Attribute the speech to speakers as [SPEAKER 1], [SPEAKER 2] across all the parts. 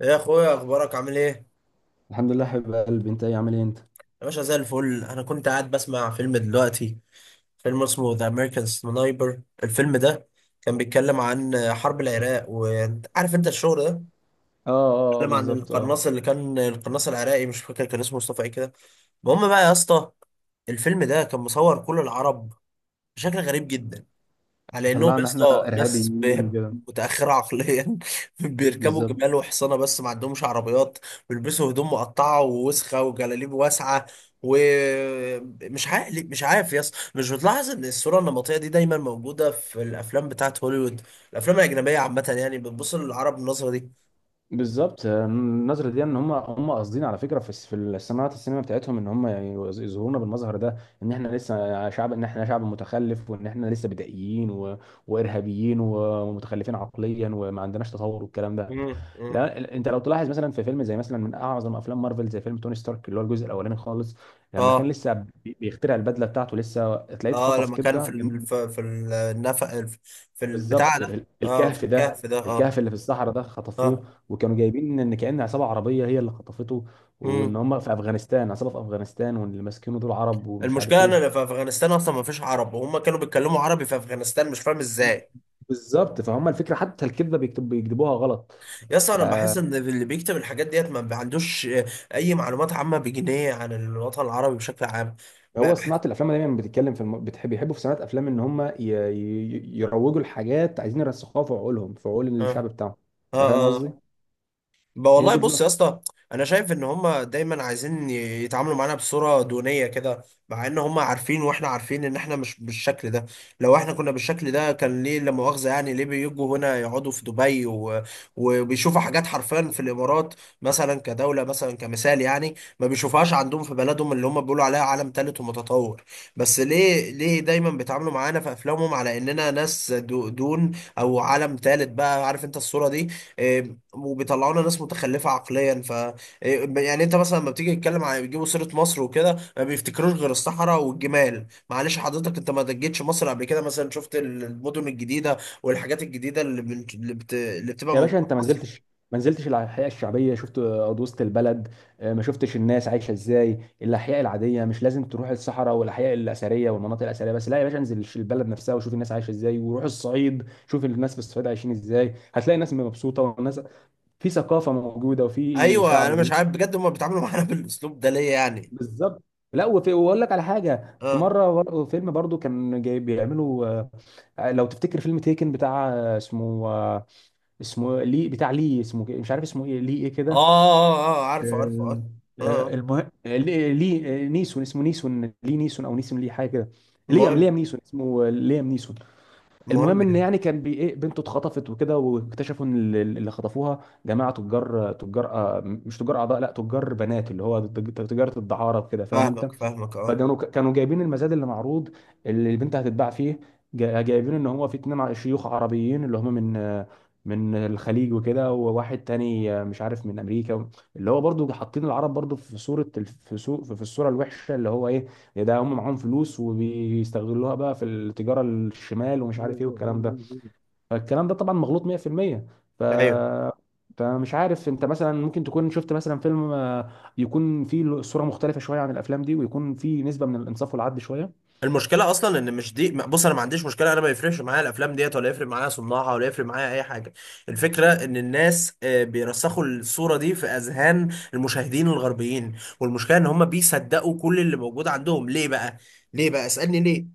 [SPEAKER 1] يا اخويا، اخبارك عامل ايه؟
[SPEAKER 2] الحمد لله حبيب قلبي، انت ايه؟ عامل ايه انت؟ اه
[SPEAKER 1] يا باشا زي الفل. انا كنت قاعد بسمع فيلم دلوقتي، فيلم اسمه ذا امريكان سنايبر. الفيلم ده كان بيتكلم عن حرب العراق، وعارف انت الشغل ده.
[SPEAKER 2] اه اه
[SPEAKER 1] بيتكلم عن
[SPEAKER 2] بالظبط اه.
[SPEAKER 1] القناص اللي كان، القناص العراقي مش فاكر كان اسمه مصطفى ايه كده. المهم بقى يا اسطى، الفيلم ده كان مصور كل العرب بشكل غريب جدا، على انهم يا
[SPEAKER 2] طلعنا احنا
[SPEAKER 1] اسطى ناس
[SPEAKER 2] ارهابيين وكده.
[SPEAKER 1] متاخره عقليا بيركبوا
[SPEAKER 2] بالظبط
[SPEAKER 1] جمال وحصانه بس ما عندهمش عربيات. بيلبسوا هدوم مقطعه ووسخه وجلاليب واسعه. ومش عارف مش عارف يا اسطى، مش بتلاحظ ان الصوره النمطيه دي دايما موجوده في الافلام بتاعت هوليوود؟ الافلام الاجنبيه عامه يعني بتبص للعرب بالنظره دي.
[SPEAKER 2] بالظبط، النظرة دي ان هم قاصدين على فكرة، في الصناعات السينما بتاعتهم، ان هم يظهرونا بالمظهر ده، ان احنا شعب متخلف، وان احنا لسه بدائيين وارهابيين ومتخلفين عقليا وما عندناش تطور والكلام ده.
[SPEAKER 1] مم. مم.
[SPEAKER 2] لا، انت لو تلاحظ مثلا في فيلم، زي مثلا من اعظم افلام مارفل، زي فيلم توني ستارك اللي هو الجزء الاولاني خالص، لما كان
[SPEAKER 1] اه،
[SPEAKER 2] لسه بيخترع البدله بتاعته، لسه تلاقيه
[SPEAKER 1] اه.
[SPEAKER 2] اتخطف
[SPEAKER 1] لما كان
[SPEAKER 2] كده
[SPEAKER 1] في ال... في في النفق، في البتاع
[SPEAKER 2] بالظبط،
[SPEAKER 1] ده. اه، في
[SPEAKER 2] الكهف ده،
[SPEAKER 1] الكهف ده. اه،
[SPEAKER 2] الكهف اللي في الصحراء ده
[SPEAKER 1] اه.
[SPEAKER 2] خطفوه، وكانوا جايبين ان كأن عصابه عربيه هي اللي خطفته، وان
[SPEAKER 1] مم.
[SPEAKER 2] هم في افغانستان، عصابه في افغانستان، وان اللي ماسكينه دول عرب ومش عارف
[SPEAKER 1] المشكله ان انا
[SPEAKER 2] ايه.
[SPEAKER 1] في افغانستان اصلا ما فيش عرب، وهم كانوا بيتكلموا عربي في افغانستان مش فاهم ازاي.
[SPEAKER 2] بالظبط، فهم الفكره، حتى الكذبه بيكتبوها غلط.
[SPEAKER 1] يا اسطى
[SPEAKER 2] ف
[SPEAKER 1] انا بحس ان اللي بيكتب الحاجات ديت ما عندوش اي معلومات عامه بجنيه عن الوطن العربي بشكل عام. بقى
[SPEAKER 2] هو صناعة
[SPEAKER 1] بحس.
[SPEAKER 2] الأفلام دايما بتتكلم في بتحب يحبوا في صناعة أفلام إن هم يروجوا لحاجات عايزين يرسخوها في عقولهم، في عقول
[SPEAKER 1] اه،
[SPEAKER 2] الشعب بتاعهم.
[SPEAKER 1] اه.
[SPEAKER 2] أنت فاهم قصدي؟
[SPEAKER 1] آه. بقى
[SPEAKER 2] هي
[SPEAKER 1] والله،
[SPEAKER 2] دي
[SPEAKER 1] بص يا
[SPEAKER 2] النقطة.
[SPEAKER 1] اسطى، انا شايف ان هما دايما عايزين يتعاملوا معانا بصوره دونيه كده. مع ان هما عارفين واحنا عارفين ان احنا مش بالشكل ده. لو احنا كنا بالشكل ده كان ليه لا مؤاخذه، يعني ليه بيجوا هنا يقعدوا في دبي وبيشوفوا حاجات حرفيا في الامارات، مثلا كدوله، مثلا كمثال يعني، ما بيشوفهاش عندهم في بلدهم اللي هما بيقولوا عليها عالم ثالث ومتطور. بس ليه، ليه دايما بيتعاملوا معانا في افلامهم على اننا ناس دون، او عالم ثالث، بقى عارف انت الصوره دي. آه، وبيطلعوا لنا ناس متخلفه عقليا. ف، يعني انت مثلا لما بتيجي تتكلم عن بيجيبوا سيره مصر وكده ما بيفتكروش غير الصحراء والجمال. معلش حضرتك، انت ما دجيتش مصر قبل كده؟ مثلا شفت المدن الجديده والحاجات الجديده اللي بن... اللي, بت... اللي بتبقى
[SPEAKER 2] يا
[SPEAKER 1] موجوده
[SPEAKER 2] باشا،
[SPEAKER 1] في
[SPEAKER 2] أنت ما
[SPEAKER 1] مصر.
[SPEAKER 2] نزلتش، الأحياء الشعبية، شفت أرض وسط البلد؟ ما شفتش الناس عايشة إزاي، الأحياء العادية؟ مش لازم تروح الصحراء والأحياء الأثرية والمناطق الأثرية بس، لا يا باشا، انزل البلد نفسها وشوف الناس عايشة إزاي، وروح الصعيد، شوف الناس في الصعيد عايشين إزاي، هتلاقي الناس مبسوطة، والناس في ثقافة موجودة وفي
[SPEAKER 1] ايوه،
[SPEAKER 2] شعب.
[SPEAKER 1] انا مش عارف بجد هم بيتعاملوا معانا بالاسلوب ده ليه يعني.
[SPEAKER 2] بالظبط. لا وفي، واقول لك على حاجه، في
[SPEAKER 1] اه،
[SPEAKER 2] مره فيلم برضو كان جاي بيعملوا، لو تفتكر فيلم تيكن بتاع، اسمه، اسمه لي، بتاع لي، اسمه كده- مش عارف اسمه ايه، لي ايه
[SPEAKER 1] اه،
[SPEAKER 2] كده.
[SPEAKER 1] اه، آه، عارفه عارفه
[SPEAKER 2] ال-
[SPEAKER 1] اه. اه. آه.
[SPEAKER 2] المهم، نيسون، اسمه نيسون لي، نيسون او نيسون لي حاجه كده.
[SPEAKER 1] المهم،
[SPEAKER 2] ليام نيسون اسمه، ليام نيسون. المهم
[SPEAKER 1] المهم
[SPEAKER 2] ان
[SPEAKER 1] يعني.
[SPEAKER 2] يعني كان بي ايه، بنته اتخطفت وكده، واكتشفوا ان اللي خطفوها جماعه تجار، مش تجار اعضاء، لا، تجار بنات، اللي هو تجاره الدعاره وكده، فاهم انت؟
[SPEAKER 1] فاهمك فاهمك اه.
[SPEAKER 2] فكانوا جايبين المزاد اللي معروض، اللي البنت هتتباع فيه، جايبين ان هو في اتنين شيوخ عربيين، اللي هم من الخليج وكده، وواحد تاني مش عارف من امريكا، اللي هو برضو حاطين العرب برضو في صورة في الصورة الوحشة، اللي هو ايه، يا ده هم معاهم فلوس وبيستغلوها بقى في التجارة الشمال ومش عارف ايه والكلام ده. فالكلام ده طبعا مغلوط 100%. ف
[SPEAKER 1] ايوه.
[SPEAKER 2] فمش عارف، انت مثلا ممكن تكون شفت مثلا فيلم يكون فيه الصوره مختلفه شويه عن الافلام دي، ويكون فيه نسبه من الانصاف والعدل شويه.
[SPEAKER 1] المشكله اصلا ان مش دي، بص انا ما عنديش مشكله، انا ما يفرقش معايا الافلام ديت ولا يفرق معايا صناعها ولا يفرق معايا اي حاجه. الفكره ان الناس بيرسخوا الصوره دي في اذهان المشاهدين الغربيين، والمشكله ان هم بيصدقوا كل اللي موجود عندهم. ليه بقى؟ ليه بقى؟ اسالني ليه.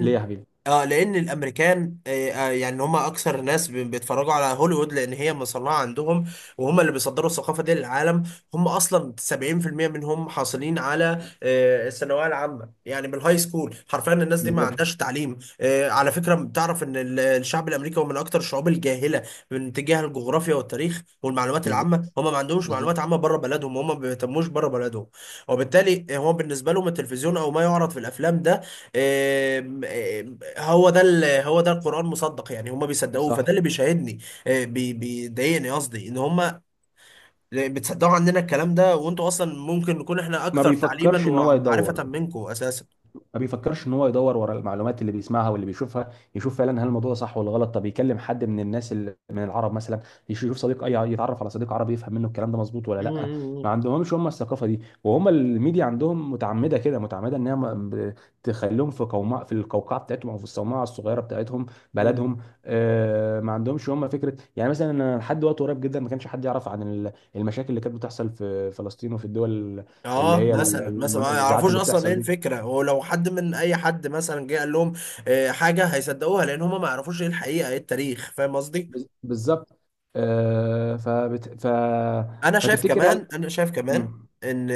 [SPEAKER 2] ليه يا حبيبي؟
[SPEAKER 1] اه، لان الامريكان، يعني هم اكثر ناس بيتفرجوا على هوليوود لان هي مصنعه عندهم، وهم اللي بيصدروا الثقافه دي للعالم. هم اصلا 70% منهم حاصلين على الثانويه العامه، يعني من الهاي سكول. حرفيا الناس دي ما
[SPEAKER 2] بالظبط
[SPEAKER 1] عندهاش تعليم. على فكره بتعرف ان الشعب الامريكي هو من اكثر الشعوب الجاهله من تجاه الجغرافيا والتاريخ والمعلومات
[SPEAKER 2] بالظبط
[SPEAKER 1] العامه. هم ما عندهمش معلومات
[SPEAKER 2] بالظبط.
[SPEAKER 1] عامه بره بلدهم، هم ما بيهتموش بره بلدهم. وبالتالي هو بالنسبه لهم التلفزيون او ما يعرض في الافلام ده، هو ده هو ده القرآن مصدق يعني، هم بيصدقوه. فده
[SPEAKER 2] صح.
[SPEAKER 1] اللي بيشاهدني. بيضايقني قصدي ان هم بتصدقوا عننا الكلام ده، وانتوا اصلا ممكن نكون احنا
[SPEAKER 2] ما
[SPEAKER 1] اكثر تعليما
[SPEAKER 2] بيفكرش ان هو يدور،
[SPEAKER 1] ومعرفة منكم اساسا.
[SPEAKER 2] ما بيفكرش ان هو يدور ورا المعلومات اللي بيسمعها واللي بيشوفها، يشوف فعلا هل الموضوع ده صح ولا غلط، طب يكلم حد من الناس من العرب مثلا، يشوف صديق، اي يتعرف على صديق عربي يفهم منه الكلام ده مظبوط ولا لا.
[SPEAKER 1] مم.
[SPEAKER 2] ما عندهمش هم الثقافه دي، وهم الميديا عندهم متعمده كده، متعمده انها تخليهم في قوماء، في القوقعه بتاعتهم، او في الصومعه الصغيره بتاعتهم،
[SPEAKER 1] مم.
[SPEAKER 2] بلدهم. ما عندهمش هم فكره، يعني مثلا أنا لحد وقت قريب جدا ما كانش حد يعرف عن المشاكل اللي كانت بتحصل في فلسطين وفي الدول اللي
[SPEAKER 1] اه،
[SPEAKER 2] هي
[SPEAKER 1] مثلا، مثلا ما
[SPEAKER 2] النزاعات
[SPEAKER 1] يعرفوش
[SPEAKER 2] اللي
[SPEAKER 1] اصلا ايه
[SPEAKER 2] بتحصل دي.
[SPEAKER 1] الفكره، ولو حد من اي حد مثلا جه قال لهم حاجه هيصدقوها لان هم ما يعرفوش ايه الحقيقه ايه التاريخ، فاهم قصدي.
[SPEAKER 2] بالظبط. آه فبت... ف...
[SPEAKER 1] انا شايف
[SPEAKER 2] فتفتكر هل.
[SPEAKER 1] كمان، انا شايف كمان
[SPEAKER 2] مم.
[SPEAKER 1] ان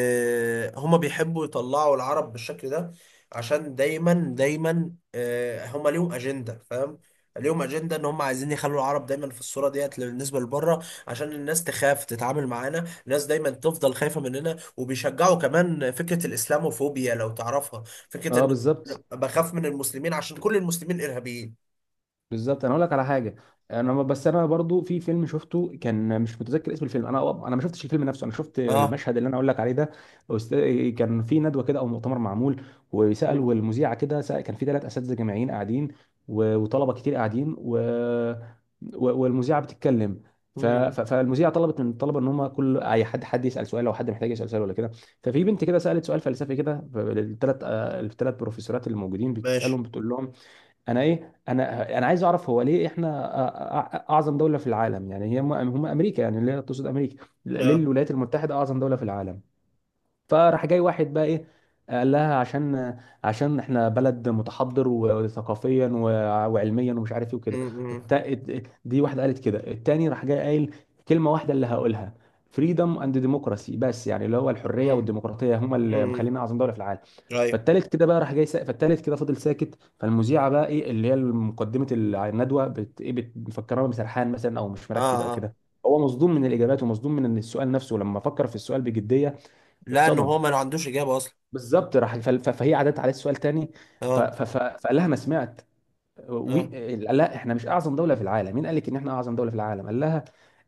[SPEAKER 1] هما بيحبوا يطلعوا العرب بالشكل ده عشان دايما دايما، هما ليهم اجنده، فاهم. ليهم اجنده ان هما عايزين يخلوا العرب دايما في الصوره ديت بالنسبه لبره، عشان الناس تخاف تتعامل معانا، الناس دايما تفضل خايفه مننا. وبيشجعوا كمان فكره الاسلاموفوبيا لو تعرفها، فكره
[SPEAKER 2] اه
[SPEAKER 1] ان
[SPEAKER 2] بالظبط
[SPEAKER 1] بخاف من المسلمين عشان كل المسلمين ارهابيين.
[SPEAKER 2] بالظبط. انا اقول لك على حاجه. انا ما- بس انا برضو في فيلم شفته، كان مش متذكر اسم الفيلم، انا ما شفتش الفيلم نفسه، انا شفت
[SPEAKER 1] اه.
[SPEAKER 2] المشهد اللي انا اقول لك عليه ده. كان في ندوه كده او مؤتمر معمول،
[SPEAKER 1] مم.
[SPEAKER 2] وسالوا المذيعه كده، كان في ثلاث اساتذه جامعيين قاعدين، وطلبه كتير قاعدين، والمذيعه بتتكلم.
[SPEAKER 1] مم.
[SPEAKER 2] فالمذيعه طلبت من الطلبه ان هم كل اي حد، يسال سؤال، لو حد محتاج يسال سؤال ولا كده. ففي بنت كده سالت سؤال فلسفي كده، الثلاث، بروفيسورات اللي موجودين
[SPEAKER 1] ماشي.
[SPEAKER 2] بتسالهم بتقول لهم: انا ايه، انا، عايز اعرف، هو ليه احنا اعظم دوله في العالم يعني؟ هي هم، امريكا يعني، اللي هي تقصد امريكا، ليه
[SPEAKER 1] اه.
[SPEAKER 2] الولايات المتحده اعظم دوله في العالم. فراح جاي واحد بقى ايه، قال لها عشان، احنا بلد متحضر وثقافيا وعلميا ومش عارف ايه وكده.
[SPEAKER 1] مم.
[SPEAKER 2] دي واحده قالت كده. التاني راح جاي قايل كلمه واحده اللي هقولها: فريدم اند ديموكراسي بس، يعني اللي هو الحريه
[SPEAKER 1] مم.
[SPEAKER 2] والديمقراطيه، هما اللي
[SPEAKER 1] مم.
[SPEAKER 2] مخلينا اعظم دوله في العالم.
[SPEAKER 1] ايوه.
[SPEAKER 2] فالتالت كده بقى راح جاي سا... فالتالت كده فضل ساكت. فالمذيعه بقى ايه، اللي هي مقدمه الندوه، مفكراه سرحان مثلا او مش مركز او
[SPEAKER 1] اه. اه،
[SPEAKER 2] كده، هو مصدوم من الاجابات ومصدوم من السؤال نفسه. لما فكر في السؤال بجديه،
[SPEAKER 1] لانه
[SPEAKER 2] اتصدم.
[SPEAKER 1] هو ما عندوش اجابه اصلا.
[SPEAKER 2] بالظبط، راح فهي عادت عليه السؤال تاني،
[SPEAKER 1] اه،
[SPEAKER 2] فقال لها: ما سمعت، وي...
[SPEAKER 1] اه،
[SPEAKER 2] لا احنا مش اعظم دوله في العالم، مين قال لك ان احنا اعظم دوله في العالم؟ قال لها: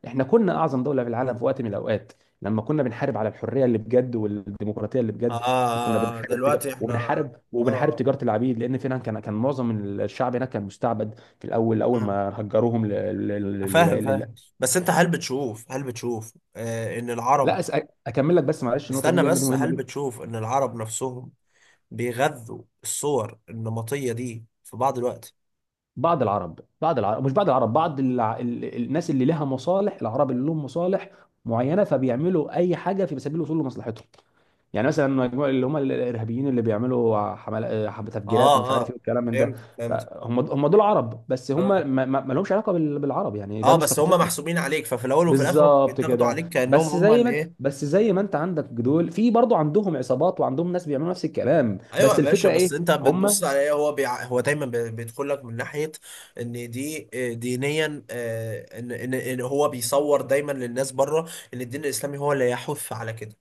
[SPEAKER 2] احنا كنا اعظم دوله في العالم في وقت من الاوقات، لما كنا بنحارب على الحريه اللي بجد والديمقراطيه اللي
[SPEAKER 1] اه,
[SPEAKER 2] بجد، وكنا
[SPEAKER 1] آه.
[SPEAKER 2] بنحارب تجار...
[SPEAKER 1] دلوقتي احنا اه.
[SPEAKER 2] وبنحارب وبنحارب
[SPEAKER 1] اه.
[SPEAKER 2] تجاره العبيد، لان فعلا كان معظم الشعب هناك كان مستعبد، في الاول، اول
[SPEAKER 1] آه.
[SPEAKER 2] ما هجروهم ل-
[SPEAKER 1] فاهم،
[SPEAKER 2] للولايات.
[SPEAKER 1] فاهم، بس انت هل بتشوف، هل بتشوف آه ان
[SPEAKER 2] لا
[SPEAKER 1] العرب...
[SPEAKER 2] أس... اكمل لك بس معلش النقطه دي
[SPEAKER 1] استنى
[SPEAKER 2] لان دي
[SPEAKER 1] بس، هل
[SPEAKER 2] مهمه.
[SPEAKER 1] بتشوف ان العرب نفسهم بيغذوا الصور النمطيه دي في بعض الوقت؟
[SPEAKER 2] بعض العرب، بعض العرب مش بعض العرب بعض الع... ال... ال- الناس اللي لها مصالح، العرب اللي لهم مصالح معينه، فبيعملوا اي حاجه في سبيل الوصول لمصلحتهم. يعني مثلا مجموعة اللي هم الارهابيين اللي بيعملوا تفجيرات ومش
[SPEAKER 1] اه،
[SPEAKER 2] عارف ايه
[SPEAKER 1] اه.
[SPEAKER 2] والكلام من ده.
[SPEAKER 1] فهمت، فهمت
[SPEAKER 2] فهم هم دول عرب، بس هم
[SPEAKER 1] اه.
[SPEAKER 2] ما لهمش علاقه بالعرب، يعني ده
[SPEAKER 1] اه
[SPEAKER 2] مش
[SPEAKER 1] بس هم
[SPEAKER 2] ثقافتنا.
[SPEAKER 1] محسوبين عليك، ففي الاول وفي الاخر هم
[SPEAKER 2] بالظبط
[SPEAKER 1] بيتاخدوا عليك
[SPEAKER 2] كده،
[SPEAKER 1] كانهم
[SPEAKER 2] بس
[SPEAKER 1] هم
[SPEAKER 2] زي
[SPEAKER 1] اللي
[SPEAKER 2] ما انت-
[SPEAKER 1] ايه.
[SPEAKER 2] بس زي ما انت عندك دول في، برضه عندهم عصابات وعندهم ناس بيعملوا نفس الكلام،
[SPEAKER 1] ايوه يا
[SPEAKER 2] بس
[SPEAKER 1] باشا.
[SPEAKER 2] الفكره
[SPEAKER 1] بس
[SPEAKER 2] ايه،
[SPEAKER 1] انت بتبص
[SPEAKER 2] هم.
[SPEAKER 1] على ايه، هو هو دايما بيدخل لك من ناحيه ان دي دينيا، ان هو بيصور دايما للناس بره ان الدين الاسلامي هو اللي يحث على كده.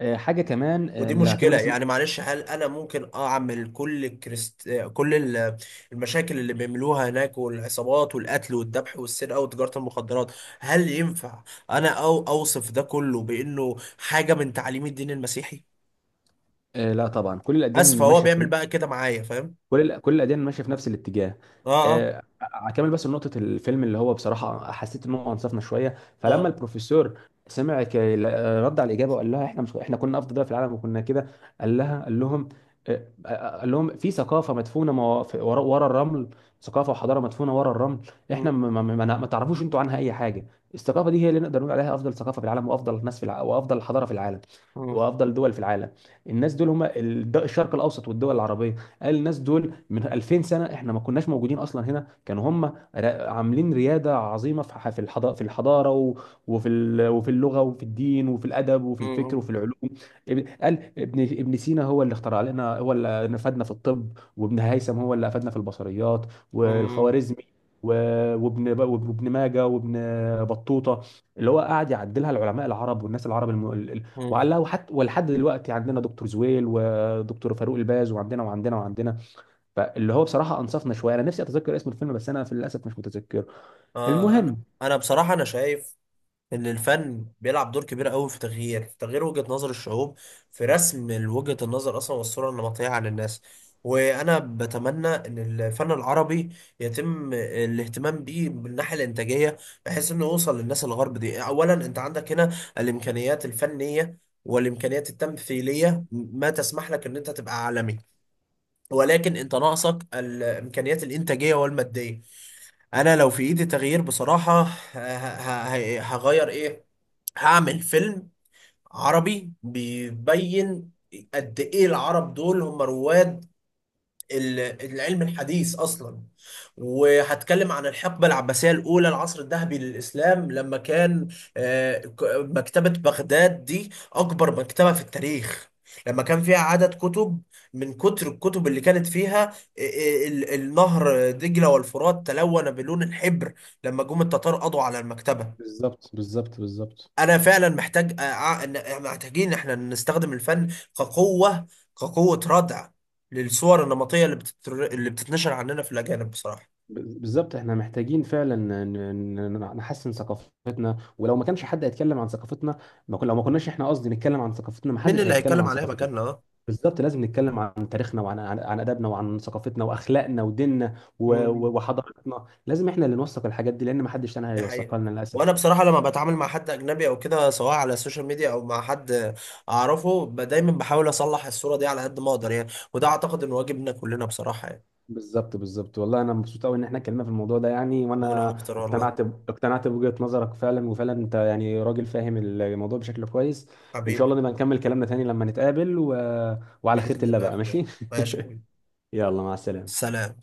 [SPEAKER 2] حاجه كمان،
[SPEAKER 1] ودي
[SPEAKER 2] اللي هكمل
[SPEAKER 1] مشكله
[SPEAKER 2] بس.
[SPEAKER 1] يعني. معلش، هل انا ممكن اعمل كل كريست... آه، كل ال- المشاكل اللي بيعملوها هناك والعصابات والقتل والذبح والسرقه وتجاره المخدرات، هل ينفع انا او اوصف ده كله بانه حاجه من تعاليم الدين المسيحي؟
[SPEAKER 2] لا طبعا كل الاديان
[SPEAKER 1] اسف، هو
[SPEAKER 2] ماشيه،
[SPEAKER 1] بيعمل بقى كده معايا فاهم.
[SPEAKER 2] كل الاديان ماشيه في نفس الاتجاه.
[SPEAKER 1] اه، اه،
[SPEAKER 2] اكمل بس نقطه الفيلم اللي هو بصراحه حسيت ان هو انصفنا شويه. فلما
[SPEAKER 1] اه.
[SPEAKER 2] البروفيسور سمع، رد على الاجابه وقال لها احنا مش احنا كنا افضل دوله في العالم وكنا كده، قال لها قال لهم قال لهم في ثقافه مدفونه، ورا، الرمل، ثقافه وحضاره مدفونه ورا الرمل،
[SPEAKER 1] مم.
[SPEAKER 2] احنا ما، ما تعرفوش انتوا عنها اي حاجه. الثقافه دي هي اللي نقدر نقول عليها افضل ثقافه في العالم، وافضل ناس في وافضل حضاره في العالم،
[SPEAKER 1] مم.
[SPEAKER 2] وافضل دول في العالم. الناس دول هم الشرق الاوسط والدول العربيه. قال الناس دول من 2000 سنه، احنا ما كناش موجودين اصلا هنا، كانوا هم عاملين رياده عظيمه في في الحضاره، وفي وفي اللغه وفي الدين وفي الادب وفي الفكر
[SPEAKER 1] مم.
[SPEAKER 2] وفي العلوم. قال ابن، سينا هو اللي اخترع لنا، هو اللي نفدنا في الطب، وابن هيثم هو اللي افادنا في البصريات،
[SPEAKER 1] مم.
[SPEAKER 2] والخوارزمي، وابن ماجه وابن بطوطه، اللي هو قاعد يعدلها، العلماء العرب والناس العرب
[SPEAKER 1] مم.
[SPEAKER 2] وعلها، وحتى ولحد دلوقتي عندنا دكتور زويل دكتور فاروق الباز، وعندنا فاللي هو بصراحه انصفنا شويه، انا نفسي اتذكر اسم الفيلم، بس انا في للاسف مش متذكره.
[SPEAKER 1] آه. انا،
[SPEAKER 2] المهم،
[SPEAKER 1] انا بصراحه انا شايف ان الفن بيلعب دور كبير قوي في تغيير، في تغيير وجهه نظر الشعوب، في رسم وجهه النظر اصلا والصوره النمطيه عن الناس. وانا بتمنى ان الفن العربي يتم الاهتمام بيه من الناحيه الانتاجيه، بحيث انه يوصل للناس الغرب دي. اولا انت عندك هنا الامكانيات الفنيه والامكانيات التمثيليه ما تسمح لك ان انت تبقى عالمي، ولكن انت ناقصك الامكانيات الانتاجيه والماديه. انا لو في ايدي تغيير بصراحه، هغير ايه. هعمل فيلم عربي بيبين قد ايه العرب دول هم رواد ال- العلم الحديث اصلا. وهتكلم عن الحقبه العباسيه الاولى، العصر الذهبي للاسلام، لما كان مكتبه بغداد دي اكبر مكتبه في التاريخ، لما كان فيها عدد كتب، من كتر الكتب اللي كانت فيها النهر دجله والفرات تلون بلون الحبر لما جم التتار قضوا على المكتبه.
[SPEAKER 2] بالظبط بالظبط بالظبط
[SPEAKER 1] انا فعلا محتاج محتاجين احنا نستخدم الفن كقوه، كقوه ردع للصور النمطيه اللي بتتنشر عننا في الاجانب بصراحه.
[SPEAKER 2] بالظبط. احنا محتاجين فعلا نحسن ثقافتنا، ولو ما كانش حد هيتكلم عن ثقافتنا، ما كنا لو ما كناش احنا قصدي نتكلم عن ثقافتنا، ما
[SPEAKER 1] مين
[SPEAKER 2] حدش
[SPEAKER 1] اللي
[SPEAKER 2] هيتكلم
[SPEAKER 1] هيتكلم
[SPEAKER 2] عن
[SPEAKER 1] عليها
[SPEAKER 2] ثقافتنا.
[SPEAKER 1] مكاننا؟ اه.
[SPEAKER 2] بالظبط، لازم نتكلم عن تاريخنا، وعن عن, عن ادبنا وعن ثقافتنا واخلاقنا وديننا
[SPEAKER 1] مم.
[SPEAKER 2] وحضارتنا، لازم احنا اللي نوثق الحاجات دي، لان ما حدش تاني
[SPEAKER 1] دي حقيقه.
[SPEAKER 2] هيوثقها لنا
[SPEAKER 1] وانا
[SPEAKER 2] للاسف.
[SPEAKER 1] بصراحه لما بتعامل مع حد اجنبي او كده، سواء على السوشيال ميديا او مع حد اعرفه، دايما بحاول اصلح الصوره دي على قد ما اقدر يعني، وده اعتقد ان واجبنا كلنا بصراحه يعني.
[SPEAKER 2] بالظبط بالظبط، والله انا مبسوط قوي ان احنا اتكلمنا في الموضوع ده يعني،
[SPEAKER 1] وانا
[SPEAKER 2] وانا
[SPEAKER 1] اكتر والله
[SPEAKER 2] اقتنعت بوجهة نظرك فعلا، وفعلا انت يعني راجل فاهم الموضوع بشكل كويس. ان شاء
[SPEAKER 1] حبيبي.
[SPEAKER 2] الله نبقى نكمل كلامنا تاني لما نتقابل، وعلى خيرة
[SPEAKER 1] باذن
[SPEAKER 2] الله
[SPEAKER 1] الله يا
[SPEAKER 2] بقى
[SPEAKER 1] اخويا.
[SPEAKER 2] ماشي
[SPEAKER 1] ماشي يا حبيبي.
[SPEAKER 2] يلا مع السلامة.
[SPEAKER 1] سلام.